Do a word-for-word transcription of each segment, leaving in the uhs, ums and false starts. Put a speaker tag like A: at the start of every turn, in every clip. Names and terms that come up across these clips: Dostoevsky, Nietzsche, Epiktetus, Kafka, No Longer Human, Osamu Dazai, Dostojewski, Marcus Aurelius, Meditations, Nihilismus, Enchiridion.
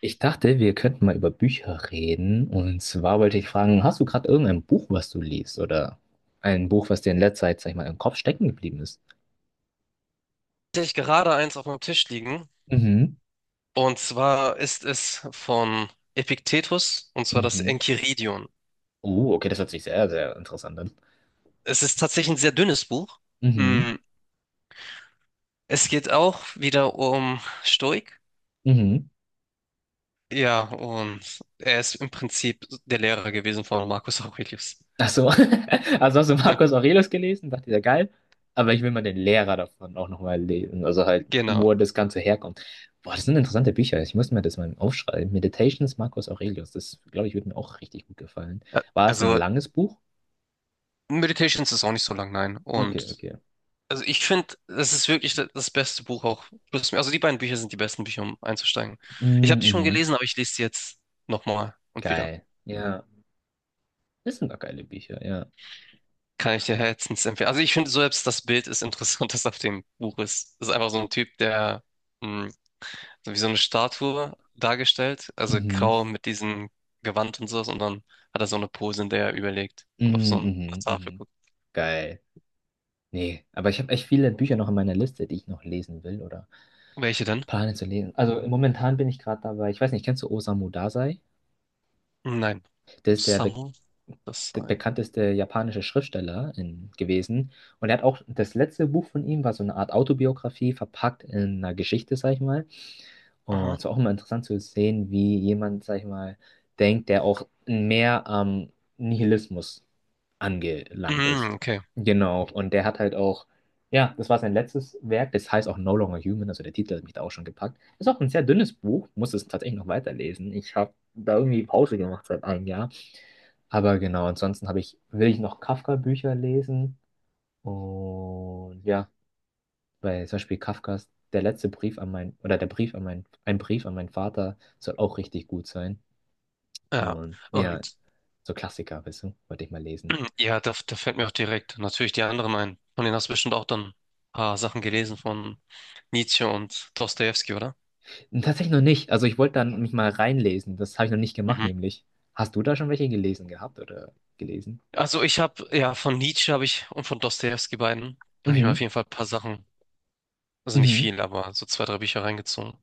A: Ich dachte, wir könnten mal über Bücher reden. Und zwar wollte ich fragen, hast du gerade irgendein Buch, was du liest? Oder ein Buch, was dir in letzter Zeit, sag ich mal, im Kopf stecken geblieben ist?
B: Tatsächlich gerade eins auf meinem Tisch liegen.
A: Mhm.
B: Und zwar ist es von Epiktetus, und zwar das
A: Mhm.
B: Enchiridion.
A: Oh, okay, das hört sich sehr, sehr interessant an.
B: Es ist tatsächlich ein sehr dünnes Buch.
A: Mhm.
B: Mm, Es geht auch wieder um Stoik.
A: Mhm.
B: Ja, und er ist im Prinzip der Lehrer gewesen von Marcus Aurelius.
A: Ach so. Also hast du Marcus Aurelius gelesen? Dachte ich, ja geil. Aber ich will mal den Lehrer davon auch nochmal lesen. Also halt,
B: Genau.
A: wo das Ganze herkommt. Boah, das sind interessante Bücher. Ich muss mir das mal aufschreiben. Meditations Marcus Aurelius. Das, glaube ich, würde mir auch richtig gut gefallen.
B: Ja,
A: War es ein
B: also
A: langes Buch?
B: Meditations ist auch nicht so lang, nein.
A: Okay,
B: Und
A: okay.
B: also ich finde, das ist wirklich da- das beste Buch auch. Plus- Also die beiden Bücher sind die besten Bücher, um einzusteigen. Ich habe
A: Mm,
B: die schon
A: mhm.
B: gelesen, aber ich lese sie jetzt nochmal und wieder.
A: Geil. Ja. Das sind doch geile Bücher, ja.
B: Kann ich dir herzens empfehlen. Also ich finde selbst das Bild ist interessant, das auf dem Buch ist. Das ist einfach so ein Typ, der mh, so wie so eine Statue dargestellt, also
A: Mhm.
B: grau mit diesem Gewand und sowas, und dann hat er so eine Pose, in der er überlegt
A: Mm,
B: und auf so eine
A: mhm.
B: Tafel
A: Mhm.
B: guckt.
A: Geil. Nee, aber ich habe echt viele Bücher noch in meiner Liste, die ich noch lesen will oder
B: Welche denn?
A: plane zu lesen. Also momentan bin ich gerade dabei, ich weiß nicht, kennst du Osamu Dazai?
B: Nein,
A: Der ist der, be
B: Samu, das
A: der
B: sei.
A: bekannteste japanische Schriftsteller in, gewesen. Und er hat auch, das letzte Buch von ihm war so eine Art Autobiografie, verpackt in einer Geschichte, sag ich mal. Und
B: Aha.
A: es war auch immer interessant zu sehen, wie jemand, sag ich mal, denkt, der auch mehr am Nihilismus angelangt ist.
B: Mm, okay.
A: Genau, und der hat halt auch, ja, das war sein letztes Werk, das heißt auch No Longer Human, also der Titel hat mich da auch schon gepackt. Ist auch ein sehr dünnes Buch, muss es tatsächlich noch weiterlesen. Ich habe da irgendwie Pause gemacht seit einem Jahr. Aber genau, ansonsten habe ich, will ich noch Kafka-Bücher lesen und ja. Weil zum Beispiel Kafkas Der letzte Brief an mein, oder der Brief an mein, ein Brief an meinen Vater soll auch richtig gut sein.
B: Ja.
A: Und ja,
B: Und
A: so Klassiker, weißt du, wollte ich mal lesen.
B: ja, da, da fällt mir auch direkt natürlich die anderen ein. Von denen hast du bestimmt auch dann ein paar Sachen gelesen von Nietzsche und Dostojewski, oder?
A: Tatsächlich noch nicht. Also ich wollte dann mich mal reinlesen. Das habe ich noch nicht gemacht,
B: Mhm.
A: nämlich. Hast du da schon welche gelesen gehabt oder gelesen?
B: Also ich habe, ja, von Nietzsche habe ich, und von Dostojewski beiden habe ich mir auf
A: Mhm.
B: jeden Fall ein paar Sachen, also nicht
A: Mhm.
B: viel, aber so zwei, drei Bücher reingezogen.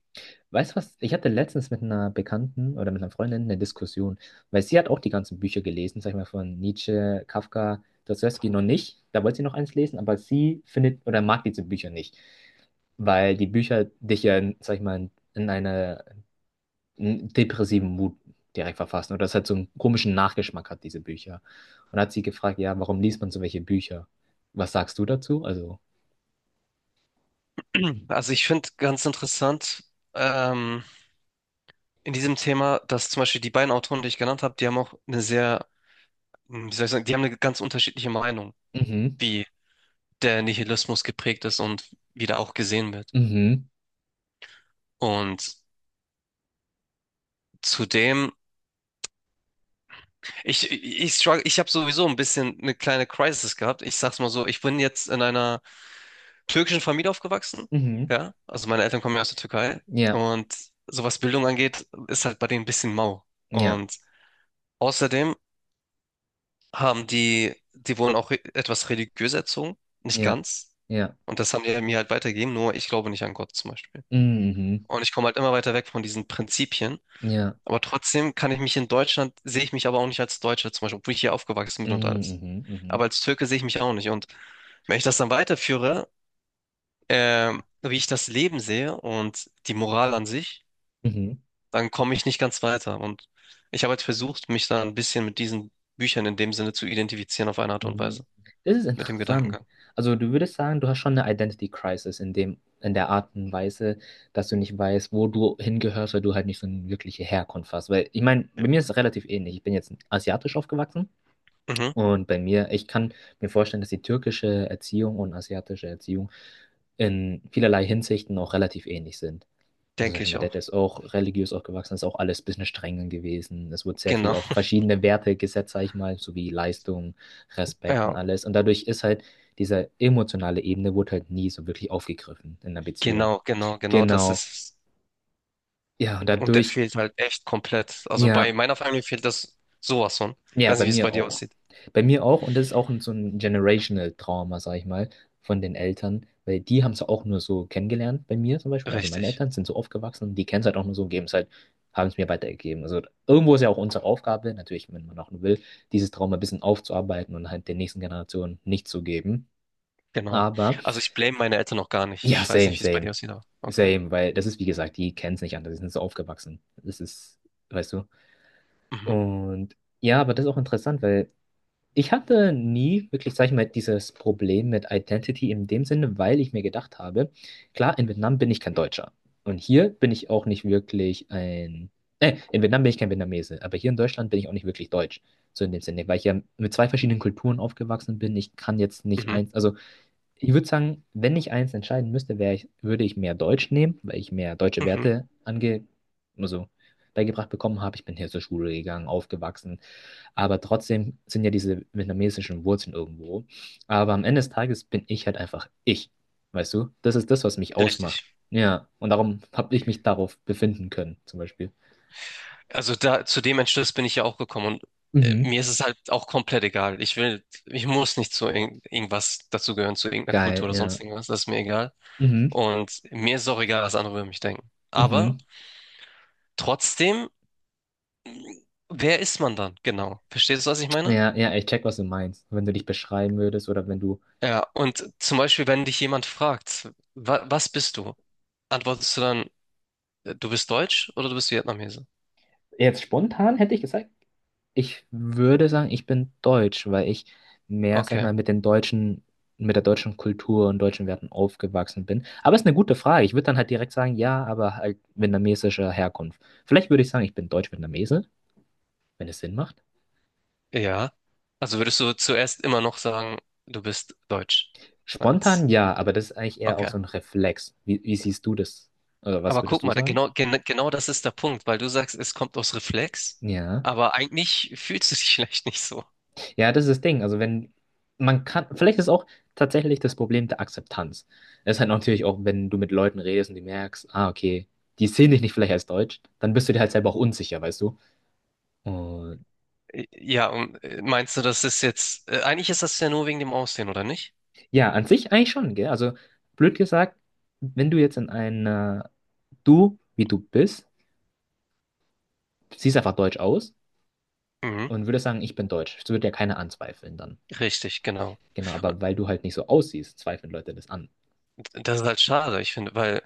A: Weißt du was? Ich hatte letztens mit einer Bekannten oder mit einer Freundin eine Diskussion, weil sie hat auch die ganzen Bücher gelesen, sag ich mal, von Nietzsche, Kafka, Dostoevsky noch nicht. Da wollte sie noch eins lesen, aber sie findet oder mag diese Bücher nicht, weil die Bücher dich ja, sag ich mal, in einer in depressiven Mut direkt verfassen oder es halt so einen komischen Nachgeschmack hat, diese Bücher. Und hat sie gefragt, ja, warum liest man so welche Bücher? Was sagst du dazu? Also,
B: Also ich finde ganz interessant, ähm, in diesem Thema, dass zum Beispiel die beiden Autoren, die ich genannt habe, die haben auch eine sehr, hm, wie soll ich sagen, die haben eine ganz unterschiedliche Meinung,
A: mhm,
B: wie der Nihilismus geprägt ist und wie der auch gesehen wird.
A: mhm,
B: Und zudem, ich, ich, struggle, ich habe sowieso ein bisschen eine kleine Crisis gehabt. Ich sag's mal so, ich bin jetzt in einer türkischen Familie aufgewachsen.
A: mhm,
B: Ja, also meine Eltern kommen ja aus der Türkei.
A: ja,
B: Und so was Bildung angeht, ist halt bei denen ein bisschen mau.
A: ja,
B: Und außerdem haben die, die wurden auch re- etwas religiös erzogen, nicht
A: ja,
B: ganz.
A: ja.
B: Und das haben die mir halt weitergegeben, nur ich glaube nicht an Gott zum Beispiel.
A: Mhm.
B: Und ich komme halt immer weiter weg von diesen Prinzipien.
A: Ja.
B: Aber trotzdem kann ich mich in Deutschland, sehe ich mich aber auch nicht als Deutscher, zum Beispiel, obwohl ich hier aufgewachsen bin und alles.
A: Mhm. Mhm.
B: Aber als Türke sehe ich mich auch nicht. Und wenn ich das dann weiterführe, ähm, wie ich das Leben sehe und die Moral an sich,
A: Mhm.
B: dann komme ich nicht ganz weiter. Und ich habe jetzt versucht, mich da ein bisschen mit diesen Büchern in dem Sinne zu identifizieren, auf eine Art und
A: Mhm.
B: Weise,
A: Das ist
B: mit dem
A: interessant.
B: Gedankengang.
A: Also du würdest sagen, du hast schon eine Identity Crisis in dem, in der Art und Weise, dass du nicht weißt, wo du hingehörst, weil du halt nicht so eine wirkliche Herkunft hast. Weil ich meine, bei mir ist es relativ ähnlich. Ich bin jetzt asiatisch aufgewachsen.
B: Mhm,
A: Und bei mir, ich kann mir vorstellen, dass die türkische Erziehung und asiatische Erziehung in vielerlei Hinsichten auch relativ ähnlich sind. Also zum
B: denke
A: Beispiel
B: ich
A: mein
B: auch.
A: Dad ist auch religiös aufgewachsen, ist auch alles ein bisschen streng gewesen. Es wurde sehr viel
B: Genau.
A: auf verschiedene Werte gesetzt, sag ich mal, sowie Leistung, Respekt und
B: Ja,
A: alles. Und dadurch ist halt diese emotionale Ebene wurde halt nie so wirklich aufgegriffen in der Beziehung.
B: genau, genau, genau, das
A: Genau.
B: ist.
A: Ja, und
B: Und der
A: dadurch,
B: fehlt halt echt komplett. Also bei
A: ja.
B: meiner Familie fehlt das sowas von. Ich
A: Ja,
B: weiß
A: bei
B: nicht, wie es bei
A: mir
B: dir
A: auch.
B: aussieht.
A: Bei mir auch, und das ist auch ein- so ein generational Trauma, sag ich mal, von den Eltern, weil die haben es auch nur so kennengelernt bei mir zum Beispiel. Also meine
B: Richtig,
A: Eltern sind so aufgewachsen, und die kennen es halt auch nur so und geben es halt, haben es mir weitergegeben. Also irgendwo ist ja auch unsere Aufgabe, natürlich, wenn man auch will, dieses Trauma ein bisschen aufzuarbeiten und halt den nächsten Generationen nicht zu geben.
B: genau.
A: Aber
B: Also ich blame meine Eltern noch gar nicht.
A: ja,
B: Ich weiß
A: same,
B: nicht, wie es bei dir
A: same,
B: aussieht, aber okay.
A: same, weil das ist, wie gesagt, die kennen es nicht anders, die sind so aufgewachsen. Das ist, weißt du.
B: Mhm,
A: Und ja, aber das ist auch interessant, weil. Ich hatte nie wirklich, sag ich mal, dieses Problem mit Identity in dem Sinne, weil ich mir gedacht habe, klar, in Vietnam bin ich kein Deutscher. Und hier bin ich auch nicht wirklich ein. Äh, in Vietnam bin ich kein Vietnamese, aber hier in Deutschland bin ich auch nicht wirklich Deutsch. So in dem Sinne, weil ich ja mit zwei verschiedenen Kulturen aufgewachsen bin. Ich kann jetzt nicht
B: mhm,
A: eins. Also, ich würde sagen, wenn ich eins entscheiden müsste, wär ich, würde ich mehr Deutsch nehmen, weil ich mehr deutsche
B: mhm.
A: Werte ange, also, beigebracht bekommen habe. Ich bin hier zur Schule gegangen, aufgewachsen. Aber trotzdem sind ja diese vietnamesischen Wurzeln irgendwo. Aber am Ende des Tages bin ich halt einfach ich. Weißt du? Das ist das, was mich
B: Richtig.
A: ausmacht. Ja. Und darum habe ich mich darauf befinden können, zum Beispiel.
B: Also da zu dem Entschluss bin ich ja auch gekommen, und äh,
A: Mhm.
B: mir ist es halt auch komplett egal. Ich will, ich muss nicht zu irgend, irgendwas dazugehören, zu irgendeiner
A: Geil,
B: Kultur oder
A: ja.
B: sonst irgendwas. Das ist mir egal.
A: Mhm.
B: Und mir ist auch egal, was andere über mich denken. Aber
A: Mhm.
B: trotzdem, wer ist man dann? Genau. Verstehst du, was ich meine?
A: Ja, ja, ich check, was du meinst. Wenn du dich beschreiben würdest oder wenn du.
B: Ja, und zum Beispiel, wenn dich jemand fragt: wa was bist du? Antwortest du dann: Äh, Du bist Deutsch, oder du bist Vietnamese?
A: Jetzt spontan hätte ich gesagt, ich würde sagen, ich bin deutsch, weil ich mehr, sag ich
B: Okay,
A: mal, mit den deutschen, mit der deutschen Kultur und deutschen Werten aufgewachsen bin. Aber es ist eine gute Frage. Ich würde dann halt direkt sagen, ja, aber halt vietnamesischer Herkunft. Vielleicht würde ich sagen, ich bin deutsch-vietnamese, wenn es Sinn macht.
B: ja. Also würdest du zuerst immer noch sagen, du bist Deutsch?
A: Spontan
B: Als,
A: ja, aber das ist eigentlich eher auch
B: okay.
A: so ein Reflex. Wie, wie siehst du das? Oder was
B: Aber guck
A: würdest du
B: mal,
A: sagen?
B: genau, gen, genau das ist der Punkt, weil du sagst, es kommt aus Reflex,
A: Ja.
B: aber eigentlich fühlst du dich vielleicht nicht so.
A: Ja, das ist das Ding. Also wenn man kann, vielleicht ist auch tatsächlich das Problem der Akzeptanz. Das ist halt natürlich auch, wenn du mit Leuten redest und die merkst, ah, okay, die sehen dich nicht vielleicht als Deutsch, dann bist du dir halt selber auch unsicher, weißt du? Und
B: Äh, Ja, und äh, meinst du, das ist jetzt, äh, eigentlich ist das ja nur wegen dem Aussehen, oder nicht?
A: ja, an sich eigentlich schon, gell? Also blöd gesagt, wenn du jetzt in einer, du, wie du bist, siehst einfach deutsch aus
B: Mhm.
A: und würdest sagen, ich bin deutsch. Das würde ja keiner anzweifeln dann.
B: Richtig, genau.
A: Genau, aber weil du halt nicht so aussiehst, zweifeln Leute das an.
B: Und das ist halt schade, ich finde, weil,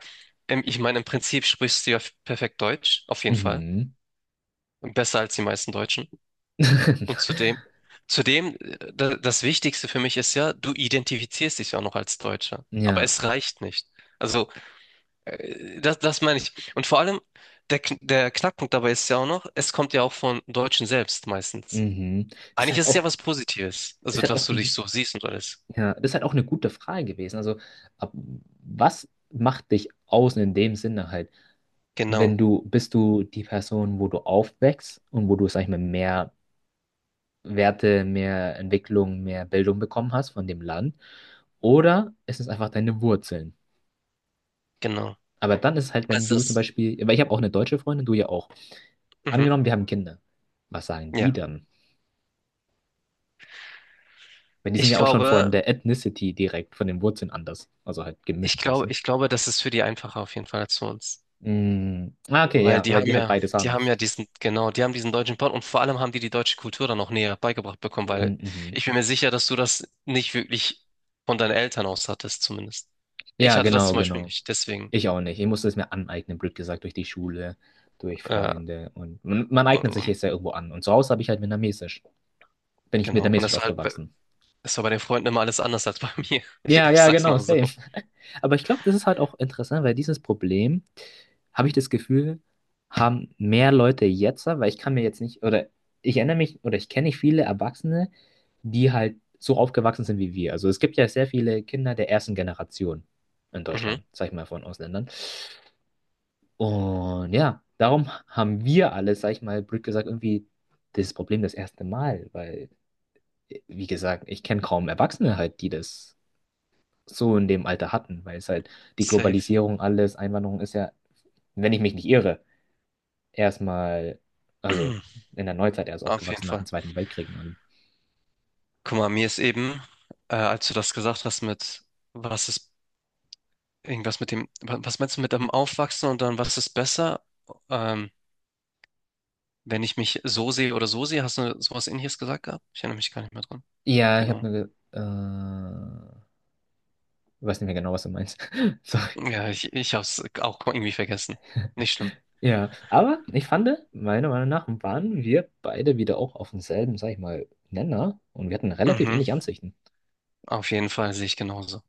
B: ähm, ich meine, im Prinzip sprichst du ja perfekt Deutsch, auf jeden Fall.
A: Mhm.
B: Besser als die meisten Deutschen. Und zudem, zudem, äh, da- das Wichtigste für mich ist ja, du identifizierst dich ja auch noch als Deutscher. Aber
A: Ja,
B: es reicht nicht. Also, äh, das, das meine ich. Und vor allem, der, Kn- der Knackpunkt dabei ist ja auch noch, es kommt ja auch von Deutschen selbst meistens.
A: mhm. Das ist
B: Eigentlich
A: halt
B: ist es
A: auch
B: ja was Positives. Also,
A: Ist halt
B: dass
A: auch,
B: du dich
A: n-
B: so siehst und alles.
A: ja, ist halt auch eine gute Frage gewesen. Also, ab, was macht dich aus in dem Sinne halt? Wenn
B: Genau,
A: du, bist du die Person, wo du aufwächst und wo du, sag ich mal, mehr Werte, mehr Entwicklung, mehr Bildung bekommen hast von dem Land? Oder ist es einfach deine Wurzeln?
B: genau.
A: Aber dann ist es halt, wenn
B: Also
A: du zum
B: das,
A: Beispiel, weil ich habe auch eine deutsche Freundin, du ja auch.
B: mhm,
A: Angenommen, wir haben Kinder. Was sagen die
B: ja.
A: dann? Weil die sind
B: Ich
A: ja auch schon von
B: glaube,
A: der Ethnicity direkt, von den Wurzeln anders. Also halt
B: ich
A: gemischt, weißt
B: glaube,
A: du?
B: ich glaube, das ist für die einfacher auf jeden Fall als für uns.
A: Mm, ah, okay,
B: Weil
A: ja,
B: die
A: weil
B: haben
A: die halt
B: ja,
A: beides
B: die
A: haben.
B: haben ja diesen, genau, die haben diesen deutschen Part, und vor allem haben die die deutsche Kultur dann noch näher beigebracht bekommen, weil
A: Mm, mhm.
B: ich bin mir sicher, dass du das nicht wirklich von deinen Eltern aus hattest, zumindest. Ich
A: Ja,
B: hatte das
A: genau,
B: zum Beispiel
A: genau.
B: nicht, deswegen,
A: Ich auch nicht. Ich musste es mir aneignen, blöd gesagt, durch die Schule, durch
B: äh,
A: Freunde. Und man, man
B: und,
A: eignet sich
B: und-
A: jetzt ja irgendwo an. Und zu Hause habe ich halt vietnamesisch. Bin ich
B: genau, und
A: vietnamesisch
B: es war halt, bei-
A: aufgewachsen.
B: es war bei den Freunden immer alles anders als bei mir. Ich,
A: Ja,
B: ich
A: ja,
B: sag's
A: genau,
B: mal so.
A: same. Aber ich glaube, das ist halt auch interessant, weil dieses Problem, habe ich das Gefühl, haben mehr Leute jetzt, weil ich kann mir jetzt nicht, oder ich erinnere mich, oder ich kenne nicht viele Erwachsene, die halt so aufgewachsen sind wie wir. Also es gibt ja sehr viele Kinder der ersten Generation in
B: Mhm.
A: Deutschland, sag ich mal, von Ausländern. Und ja, darum haben wir alle, sag ich mal, blöd gesagt, irgendwie das Problem das erste Mal, weil, wie gesagt, ich kenne kaum Erwachsene halt, die das so in dem Alter hatten, weil es halt die
B: Safe.
A: Globalisierung, alles, Einwanderung ist ja, wenn ich mich nicht irre, erstmal, also in der Neuzeit erst
B: Auf jeden
A: aufgewachsen nach dem
B: Fall.
A: Zweiten Weltkrieg. Und allem.
B: Guck mal, mir ist eben, äh, als du das gesagt hast mit, was ist irgendwas mit dem, wa- was meinst du mit dem Aufwachsen und dann was ist besser? Ähm, Wenn ich mich so sehe oder so sehe, hast du sowas Ähnliches gesagt gehabt? Ich erinnere mich gar nicht mehr dran.
A: Ja, ich
B: Genau.
A: habe nur, äh, weiß nicht mehr genau, was du meinst. Sorry.
B: Ja, ich, ich habe es auch irgendwie vergessen. Nicht schlimm.
A: Ja, aber ich fand, meiner Meinung nach waren wir beide wieder auch auf demselben, sag ich mal, Nenner und wir hatten relativ
B: Mhm.
A: ähnliche Ansichten.
B: Auf jeden Fall sehe ich genauso.